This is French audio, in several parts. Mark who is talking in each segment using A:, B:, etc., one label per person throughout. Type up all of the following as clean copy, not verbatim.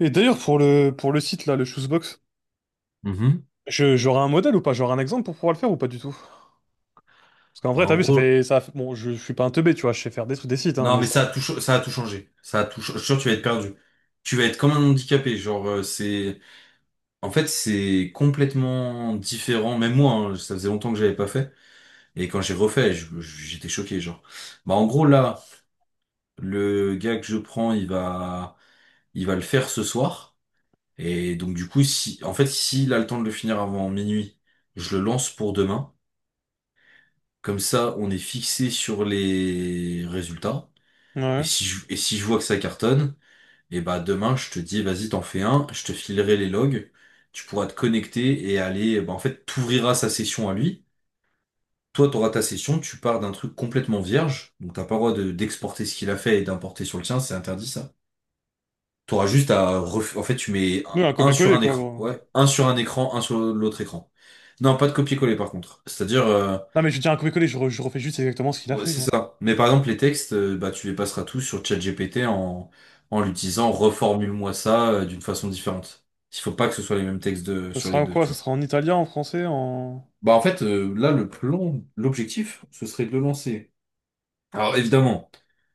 A: Et d'ailleurs, pour le site, là, le Shoesbox,
B: Mhm.
A: j'aurai un modèle ou pas? J'aurai un exemple pour pouvoir le faire ou pas du tout? Parce qu'en
B: Bah,
A: vrai, t'as
B: en
A: vu,
B: gros,
A: Bon, je suis pas un teubé, tu vois, je sais faire des trucs, des sites, hein,
B: non,
A: mais
B: mais
A: ça...
B: ça a tout, ça a tout changé. Ça a tout, cha- je suis sûr que tu vas être perdu. Tu vas être comme un handicapé. Genre, en fait, c'est complètement différent. Même moi, hein, ça faisait longtemps que j'avais pas fait. Et quand j'ai refait, j'étais choqué. Genre, bah, en gros, là, le gars que je prends, il va le faire ce soir. Et donc, du coup, si, en fait, s'il a le temps de le finir avant minuit, je le lance pour demain. Comme ça, on est fixé sur les résultats.
A: Ouais.
B: Et si je vois que ça cartonne, et bah demain, je te dis, vas-y, t'en fais un, je te filerai les logs, tu pourras te connecter et aller, bah, en fait, t'ouvriras sa session à lui. Toi, t'auras ta session, tu pars d'un truc complètement vierge, donc t'as pas le droit d'exporter ce qu'il a fait et d'importer sur le tien, c'est interdit ça. T'auras juste à en fait, tu mets
A: Oui, un
B: un sur
A: copier-coller,
B: un
A: quoi,
B: écran,
A: gros.
B: ouais, un sur un écran, un sur l'autre écran. Non, pas de copier-coller par contre. C'est-à-dire...
A: Non, mais je dis un copier-coller, je refais juste exactement ce qu'il a
B: Ouais,
A: fait,
B: c'est
A: gros.
B: ça. Mais par exemple, les textes, bah, tu les passeras tous sur ChatGPT en l'utilisant, reformule-moi ça d'une façon différente. Il faut pas que ce soit les mêmes textes
A: Ça
B: sur
A: sera
B: les
A: en
B: deux,
A: quoi?
B: tu
A: Ça
B: vois.
A: sera en italien, en français, en...
B: Bah, en fait, là, le plan, l'objectif, ce serait de le lancer. Alors, évidemment,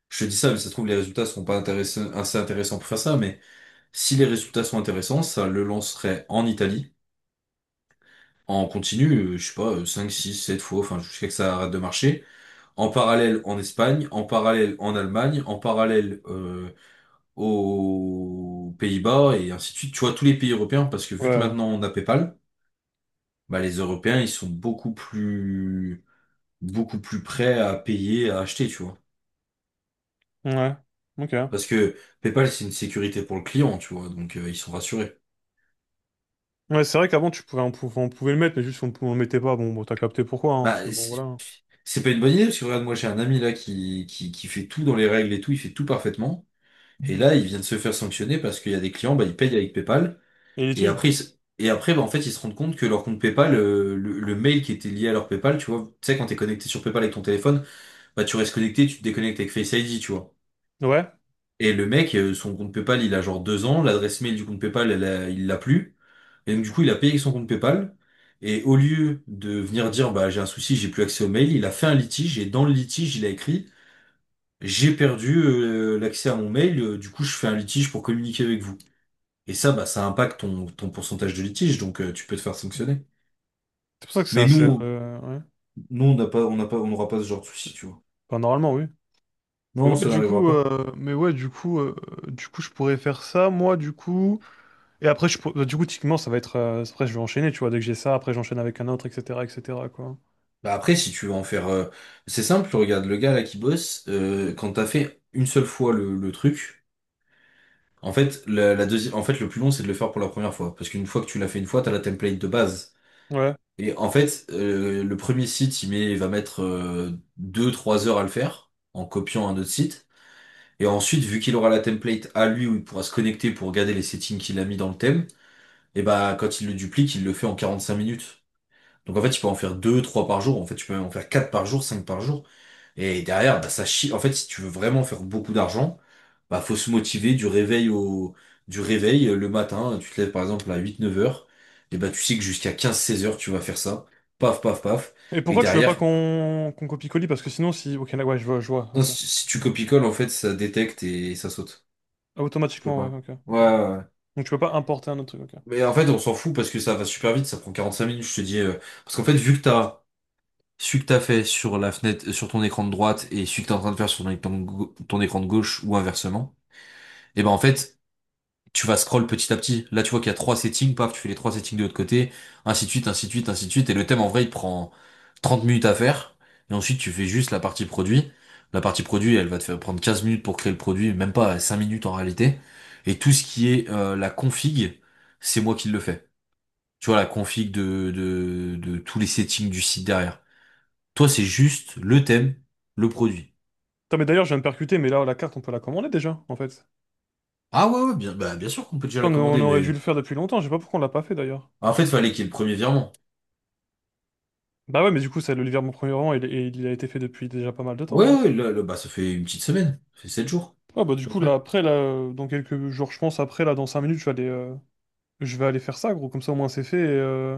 B: je te dis ça, mais ça se trouve, les résultats seront pas intéressants, assez intéressants pour faire ça, mais si les résultats sont intéressants, ça le lancerait en Italie, en continu, je sais pas, 5, 6, 7 fois, enfin, jusqu'à que ça arrête de marcher. En parallèle en Espagne, en parallèle en Allemagne, en parallèle aux Pays-Bas et ainsi de suite. Tu vois, tous les pays européens, parce que vu que
A: Ouais.
B: maintenant on a PayPal, bah, les Européens, ils sont beaucoup plus prêts à payer, à acheter, tu vois.
A: Ouais. Ok.
B: Parce que PayPal, c'est une sécurité pour le client, tu vois, donc ils sont rassurés.
A: Ouais, c'est vrai qu'avant, tu pouvais, on pouvait le mettre, mais juste, on le mettait pas. Bon, t'as capté pourquoi, hein, parce que,
B: Bah,
A: bon, voilà.
B: c'est pas une bonne idée, parce que regarde, moi j'ai un ami là qui fait tout dans les règles et tout, il fait tout parfaitement. Et là, il vient de se faire sanctionner parce qu'il y a des clients, bah, ils payent avec PayPal.
A: Et
B: Et
A: l'étude?
B: après, et après, bah, en fait, ils se rendent compte que leur compte PayPal, le mail qui était lié à leur PayPal, tu vois, tu sais, quand t'es connecté sur PayPal avec ton téléphone, bah, tu restes connecté, tu te déconnectes avec Face ID, tu vois.
A: Ouais.
B: Et le mec, son compte PayPal, il a genre 2 ans, l'adresse mail du compte PayPal, il l'a plus. Et donc, du coup, il a payé avec son compte PayPal. Et au lieu de venir dire, bah, j'ai un souci, j'ai plus accès au mail, il a fait un litige, et dans le litige, il a écrit, j'ai perdu, l'accès à mon mail, du coup, je fais un litige pour communiquer avec vous. Et ça, bah, ça impacte ton pourcentage de litige, donc, tu peux te faire sanctionner.
A: C'est pour ça que c'est
B: Mais
A: assez...
B: nous,
A: ouais.
B: nous, on n'aura pas ce genre de souci, tu vois.
A: Enfin, normalement, oui. Mais
B: Non,
A: ouais,
B: ça
A: du
B: n'arrivera
A: coup,
B: pas.
A: mais ouais, du coup, je pourrais faire ça, moi, du coup. Et après, je pour- du coup, typiquement, ça va être. Après, je vais enchaîner, tu vois. Dès que j'ai ça, après, j'enchaîne avec un autre, etc., etc., quoi.
B: Bah après, si tu veux en faire, c'est simple, regarde le gars là qui bosse, quand t'as fait une seule fois le truc, en fait, la deuxième, en fait, le plus long, c'est de le faire pour la première fois. Parce qu'une fois que tu l'as fait une fois, t'as la template de base.
A: Ouais.
B: Et en fait, le premier site, il va mettre 2, 3 heures à le faire, en copiant un autre site. Et ensuite, vu qu'il aura la template à lui où il pourra se connecter pour regarder les settings qu'il a mis dans le thème, et bah quand il le duplique, il le fait en 45 minutes. Donc en fait, tu peux en faire deux, trois par jour. En fait, tu peux même en faire quatre par jour, cinq par jour. Et derrière, bah, ça chie. En fait, si tu veux vraiment faire beaucoup d'argent, bah faut se motiver du réveil le matin. Tu te lèves par exemple à 8, 9 heures. Et bah tu sais que jusqu'à 15, 16 heures, tu vas faire ça. Paf, paf, paf.
A: Et
B: Et
A: pourquoi tu veux pas
B: derrière,
A: qu'on copie-colie? Parce que sinon, si. Ok, là, ouais, je vois,
B: non,
A: ok.
B: si tu copie colles en fait, ça détecte et ça saute.
A: Ah,
B: Je peux
A: automatiquement, ouais,
B: pas.
A: ok,
B: Ouais,
A: ok.
B: ouais. Ouais.
A: Donc, tu peux pas importer un autre truc, ok.
B: Mais en fait, on s'en fout parce que ça va super vite, ça prend 45 minutes, je te dis. Parce qu'en fait, vu que t'as celui que t'as fait sur la fenêtre, sur ton écran de droite et celui que t'es en train de faire sur ton écran ton écran de gauche ou inversement, et ben en fait, tu vas scroll petit à petit. Là, tu vois qu'il y a trois settings, paf, tu fais les trois settings de l'autre côté, ainsi de suite, ainsi de suite, ainsi de suite. Et le thème, en vrai, il prend 30 minutes à faire. Et ensuite, tu fais juste la partie produit. La partie produit, elle va te faire prendre 15 minutes pour créer le produit, même pas 5 minutes en réalité. Et tout ce qui est la config, c'est moi qui le fais. Tu vois, la config de tous les settings du site derrière. Toi, c'est juste le thème, le produit.
A: Putain, mais d'ailleurs, je viens de percuter, mais là, la carte, on peut la commander déjà, en fait.
B: Ah ouais, ouais, bien, bah, bien sûr qu'on peut déjà la
A: On
B: commander,
A: aurait dû
B: mais
A: le faire depuis longtemps, je sais pas pourquoi on l'a pas fait d'ailleurs.
B: en fait, fallait qu'il y ait le premier virement.
A: Bah ouais, mais du coup, ça, le livreur, mon premier roman, il a été fait depuis déjà pas mal de temps,
B: Ouais,
A: gros.
B: ouais, là, là, bah, ça fait une petite semaine, ça fait 7 jours,
A: Ah bah du
B: à peu
A: coup
B: près.
A: là après là dans quelques jours je pense après là dans 5 minutes je vais aller faire ça gros comme ça au moins c'est fait et, euh,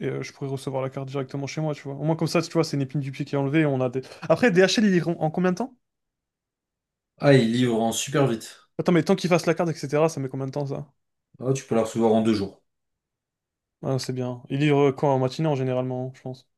A: et, euh, je pourrai recevoir la carte directement chez moi, tu vois. Au moins comme ça tu vois c'est une épine du pied qui est enlevée et on a des... Après DHL il livre en combien de temps?
B: Ah, il livre en super vite.
A: Attends mais tant qu'il fasse la carte etc ça met combien de temps ça?
B: Ah, tu peux la recevoir en 2 jours.
A: Ah c'est bien. Il livre quand en matinée en généralement je pense.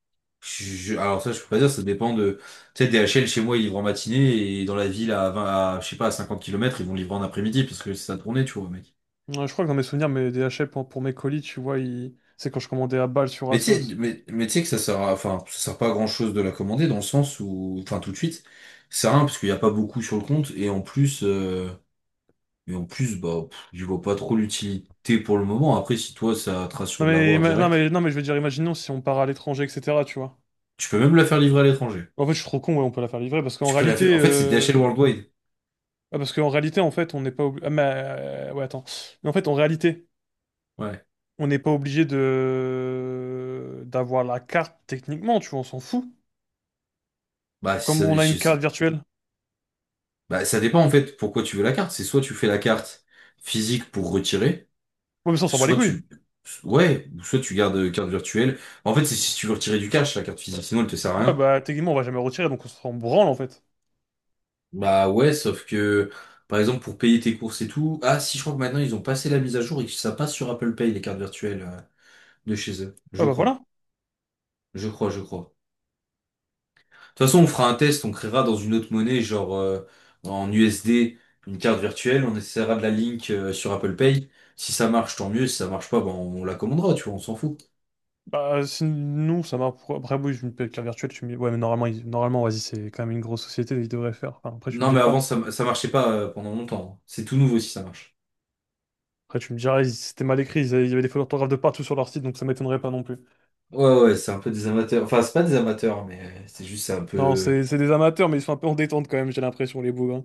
B: Alors ça, je peux pas dire, ça dépend de... Tu sais, DHL, chez moi, ils livrent en matinée, et dans la ville, à 20, à, je sais pas, à 50 kilomètres ils vont livrer en après-midi, parce que c'est sa tournée, tu vois, mais...
A: Ouais, je crois que dans mes souvenirs mes DHL pour mes colis tu vois il... c'est quand je commandais à balle sur
B: Mais tu sais,
A: Asos.
B: mais tu sais que ça sert à, enfin, ça sert pas à grand chose de la commander dans le sens où, enfin, tout de suite, c'est rien parce qu'il n'y a pas beaucoup sur le compte et en plus, bah, pff, j'y vois pas trop l'utilité pour le moment. Après, si toi, ça te rassure de l'avoir
A: Non
B: direct,
A: mais je veux dire imaginons si on part à l'étranger etc tu vois.
B: tu peux même la faire livrer à l'étranger.
A: En fait je suis trop con ouais on peut la faire livrer parce qu'en
B: Tu peux la
A: réalité
B: faire, en fait, c'est DHL Worldwide.
A: ah, parce qu'en réalité, en fait, on n'est pas obligé. Ah, mais, ouais, attends. Mais en fait, en réalité,
B: Ouais.
A: on n'est pas obligé de d'avoir la carte techniquement, tu vois, on s'en fout.
B: Bah, si
A: Comme
B: ça,
A: on a une
B: je sais-
A: carte virtuelle.
B: bah, ça dépend en fait pourquoi tu veux la carte. C'est soit tu fais la carte physique pour retirer,
A: Ouais, mais ça, on s'en bat les
B: soit
A: couilles.
B: tu, ouais, ou soit tu gardes carte virtuelle. En fait, c'est si tu veux retirer du cash, la carte physique, sinon elle te sert à
A: Ouais,
B: rien.
A: bah, techniquement, on va jamais retirer, donc on s'en branle, en fait.
B: Bah ouais, sauf que, par exemple, pour payer tes courses et tout, ah si je crois que maintenant ils ont passé la mise à jour et que ça passe sur Apple Pay, les cartes virtuelles de chez eux.
A: Ouais,
B: Je
A: bah, voilà.
B: crois. Je crois, je crois. De toute façon, on fera un test, on créera dans une autre monnaie, genre en USD, une carte virtuelle, on essaiera de la link sur Apple Pay. Si ça marche, tant mieux. Si ça marche pas, ben on la commandera, tu vois, on s'en fout.
A: Bah, si nous, ça m'a. Après, oui, je me paye une carte virtuelle, tu me dis, ouais, mais normalement, normalement, vas-y, c'est quand même une grosse société, ils devraient faire. Enfin, après, tu me
B: Non mais
A: diras,
B: avant ça, ça marchait pas pendant longtemps. Hein. C'est tout nouveau si ça marche.
A: après, tu me diras, c'était mal écrit, il y avait des fautes d'orthographe de partout sur leur site, donc ça m'étonnerait pas non plus.
B: Ouais ouais, c'est un peu des amateurs. Enfin, c'est pas des amateurs, mais c'est juste c'est un
A: Non,
B: peu.
A: c'est des amateurs, mais ils sont un peu en détente quand même, j'ai l'impression, les bougs. Hein.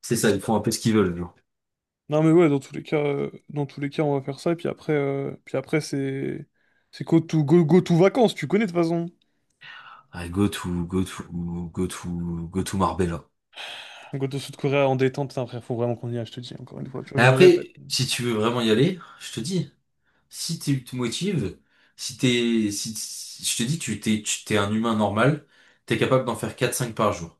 B: C'est ça, ils font un peu ce qu'ils veulent.
A: Non mais ouais, dans tous les cas, on va faire ça. Et puis après, c'est go to vacances. Tu connais de toute façon.
B: Ah, go to Marbella.
A: Go to Sud Korea en détente. Putain, frère, faut vraiment qu'on y aille. Je te dis encore une fois. Tu vois,
B: Et
A: je me répète.
B: après, si tu veux vraiment y aller, je te dis, si tu te motives, si t'es, si, si- je te dis, t'es un humain normal, t'es capable d'en faire quatre cinq par jour.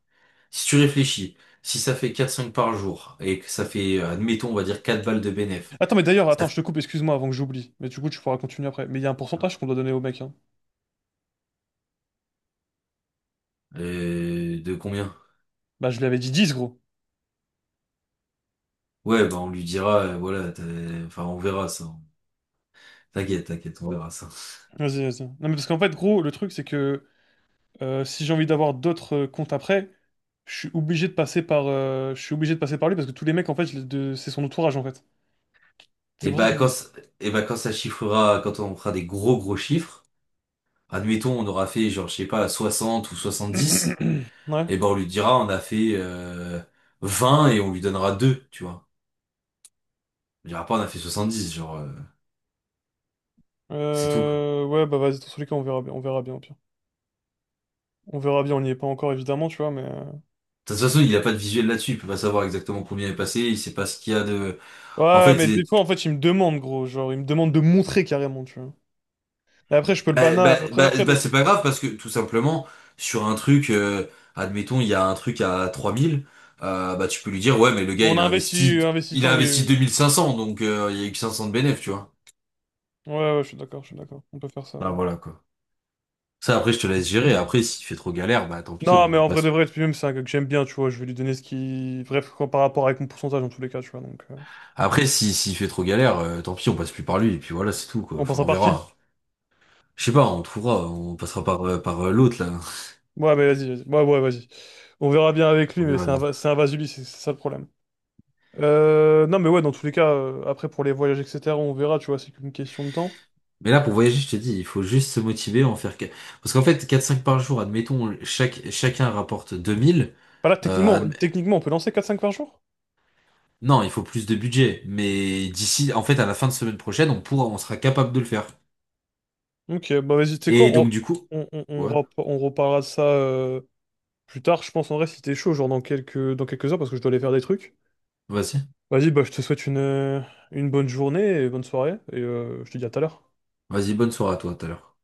B: Si tu réfléchis, si ça fait quatre cinq par jour, et que ça fait, admettons, on va dire 4 balles de bénéf,
A: Attends, mais d'ailleurs,
B: ça
A: attends,
B: fait,
A: je te coupe. Excuse-moi avant que j'oublie. Mais du coup, tu pourras continuer après. Mais il y a un pourcentage qu'on doit donner au mec. Hein.
B: de combien?
A: Bah, je lui avais dit 10 gros.
B: Ouais, bah, on lui dira, voilà, enfin, on verra ça. T'inquiète, t'inquiète, on verra ça.
A: Vas-y, vas-y. Non mais parce qu'en fait, gros, le truc c'est que si j'ai envie d'avoir d'autres comptes après, je suis obligé de passer par lui parce que tous les mecs en fait, c'est son entourage en fait. C'est
B: Et
A: pour ça
B: bah,
A: qu'il
B: quand,
A: faut.
B: et bah, quand ça chiffrera, quand on fera des gros gros chiffres, admettons, on aura fait, genre, je sais pas, 60 ou 70,
A: Ouais.
B: et ben on lui dira, on a fait 20 et on lui donnera 2, tu vois. On dira pas, on a fait 70, genre, c'est tout, quoi.
A: Ouais, bah vas-y, dans tous les cas, on verra bien, au pire. On verra bien, on n'y est pas encore, évidemment, tu vois, mais...
B: De toute façon, il a pas de visuel là-dessus, il peut pas savoir exactement combien est passé, il sait pas ce qu'il y a de... En
A: Ouais,
B: fait,
A: mais des
B: c'est...
A: fois, en fait, il me demande, gros, genre, il me demande de montrer carrément, tu vois. Et après, je peux le
B: Bah,
A: bana...
B: bah,
A: Après,
B: bah,
A: après,
B: bah,
A: de-
B: c'est pas grave, parce que, tout simplement, sur un truc, admettons, il y a un truc à 3 000, bah tu peux lui dire, ouais, mais le gars,
A: on
B: il
A: a
B: a
A: investi,
B: investi...
A: investi
B: Il
A: tant,
B: a
A: oui,
B: investi deux
A: oui.
B: mille cinq cents donc il y a eu que 500 de bénéf, tu vois.
A: Oui. Ouais, ouais, je suis d'accord, on peut faire ça,
B: Bah
A: ouais.
B: voilà, quoi. Ça, après, je te laisse gérer. Après, s'il fait trop galère, bah tant pis,
A: Non, mais
B: on
A: en vrai de
B: passe.
A: vrai, puis même, c'est un gars que j'aime bien, tu vois, je vais lui donner ce qui... Bref, quoi, par rapport avec mon pourcentage, dans tous les cas, tu vois, donc...
B: Après, si s'il fait trop galère, tant pis, on passe plus par lui. Et puis voilà, c'est tout, quoi.
A: On passe
B: Enfin,
A: à
B: on
A: par qui?
B: verra. Je sais pas, on trouvera. On passera par l'autre, là.
A: Ouais, mais ouais, vas-y. On verra bien avec lui,
B: On
A: mais
B: verra bien.
A: c'est un Vasubis, c'est ça le problème. Non, mais ouais, dans tous les cas, après pour les voyages, etc., on verra, tu vois, c'est qu'une question de temps.
B: Mais là, pour voyager, je te dis, il faut juste se motiver, en faire... Parce qu'en fait, quatre cinq par jour, admettons, chaque, chacun rapporte 2 000.
A: Bah là,
B: Euh, adm-
A: techniquement, on peut lancer 4-5 par jour?
B: Non, il faut plus de budget. Mais d'ici, en fait, à la fin de semaine prochaine, on pourra, on sera capable de le faire.
A: Ok, bah vas-y, tu sais quoi,
B: Et donc, du coup...
A: on
B: Ouais,
A: on reparlera de ça plus tard, je pense, en vrai, si t'es chaud, genre dans quelques heures, parce que je dois aller faire des trucs.
B: vas-y.
A: Vas-y, bah je te souhaite une bonne journée et bonne soirée, et je te dis à tout à l'heure.
B: Vas-y, bonne soirée à toi, tout à l'heure.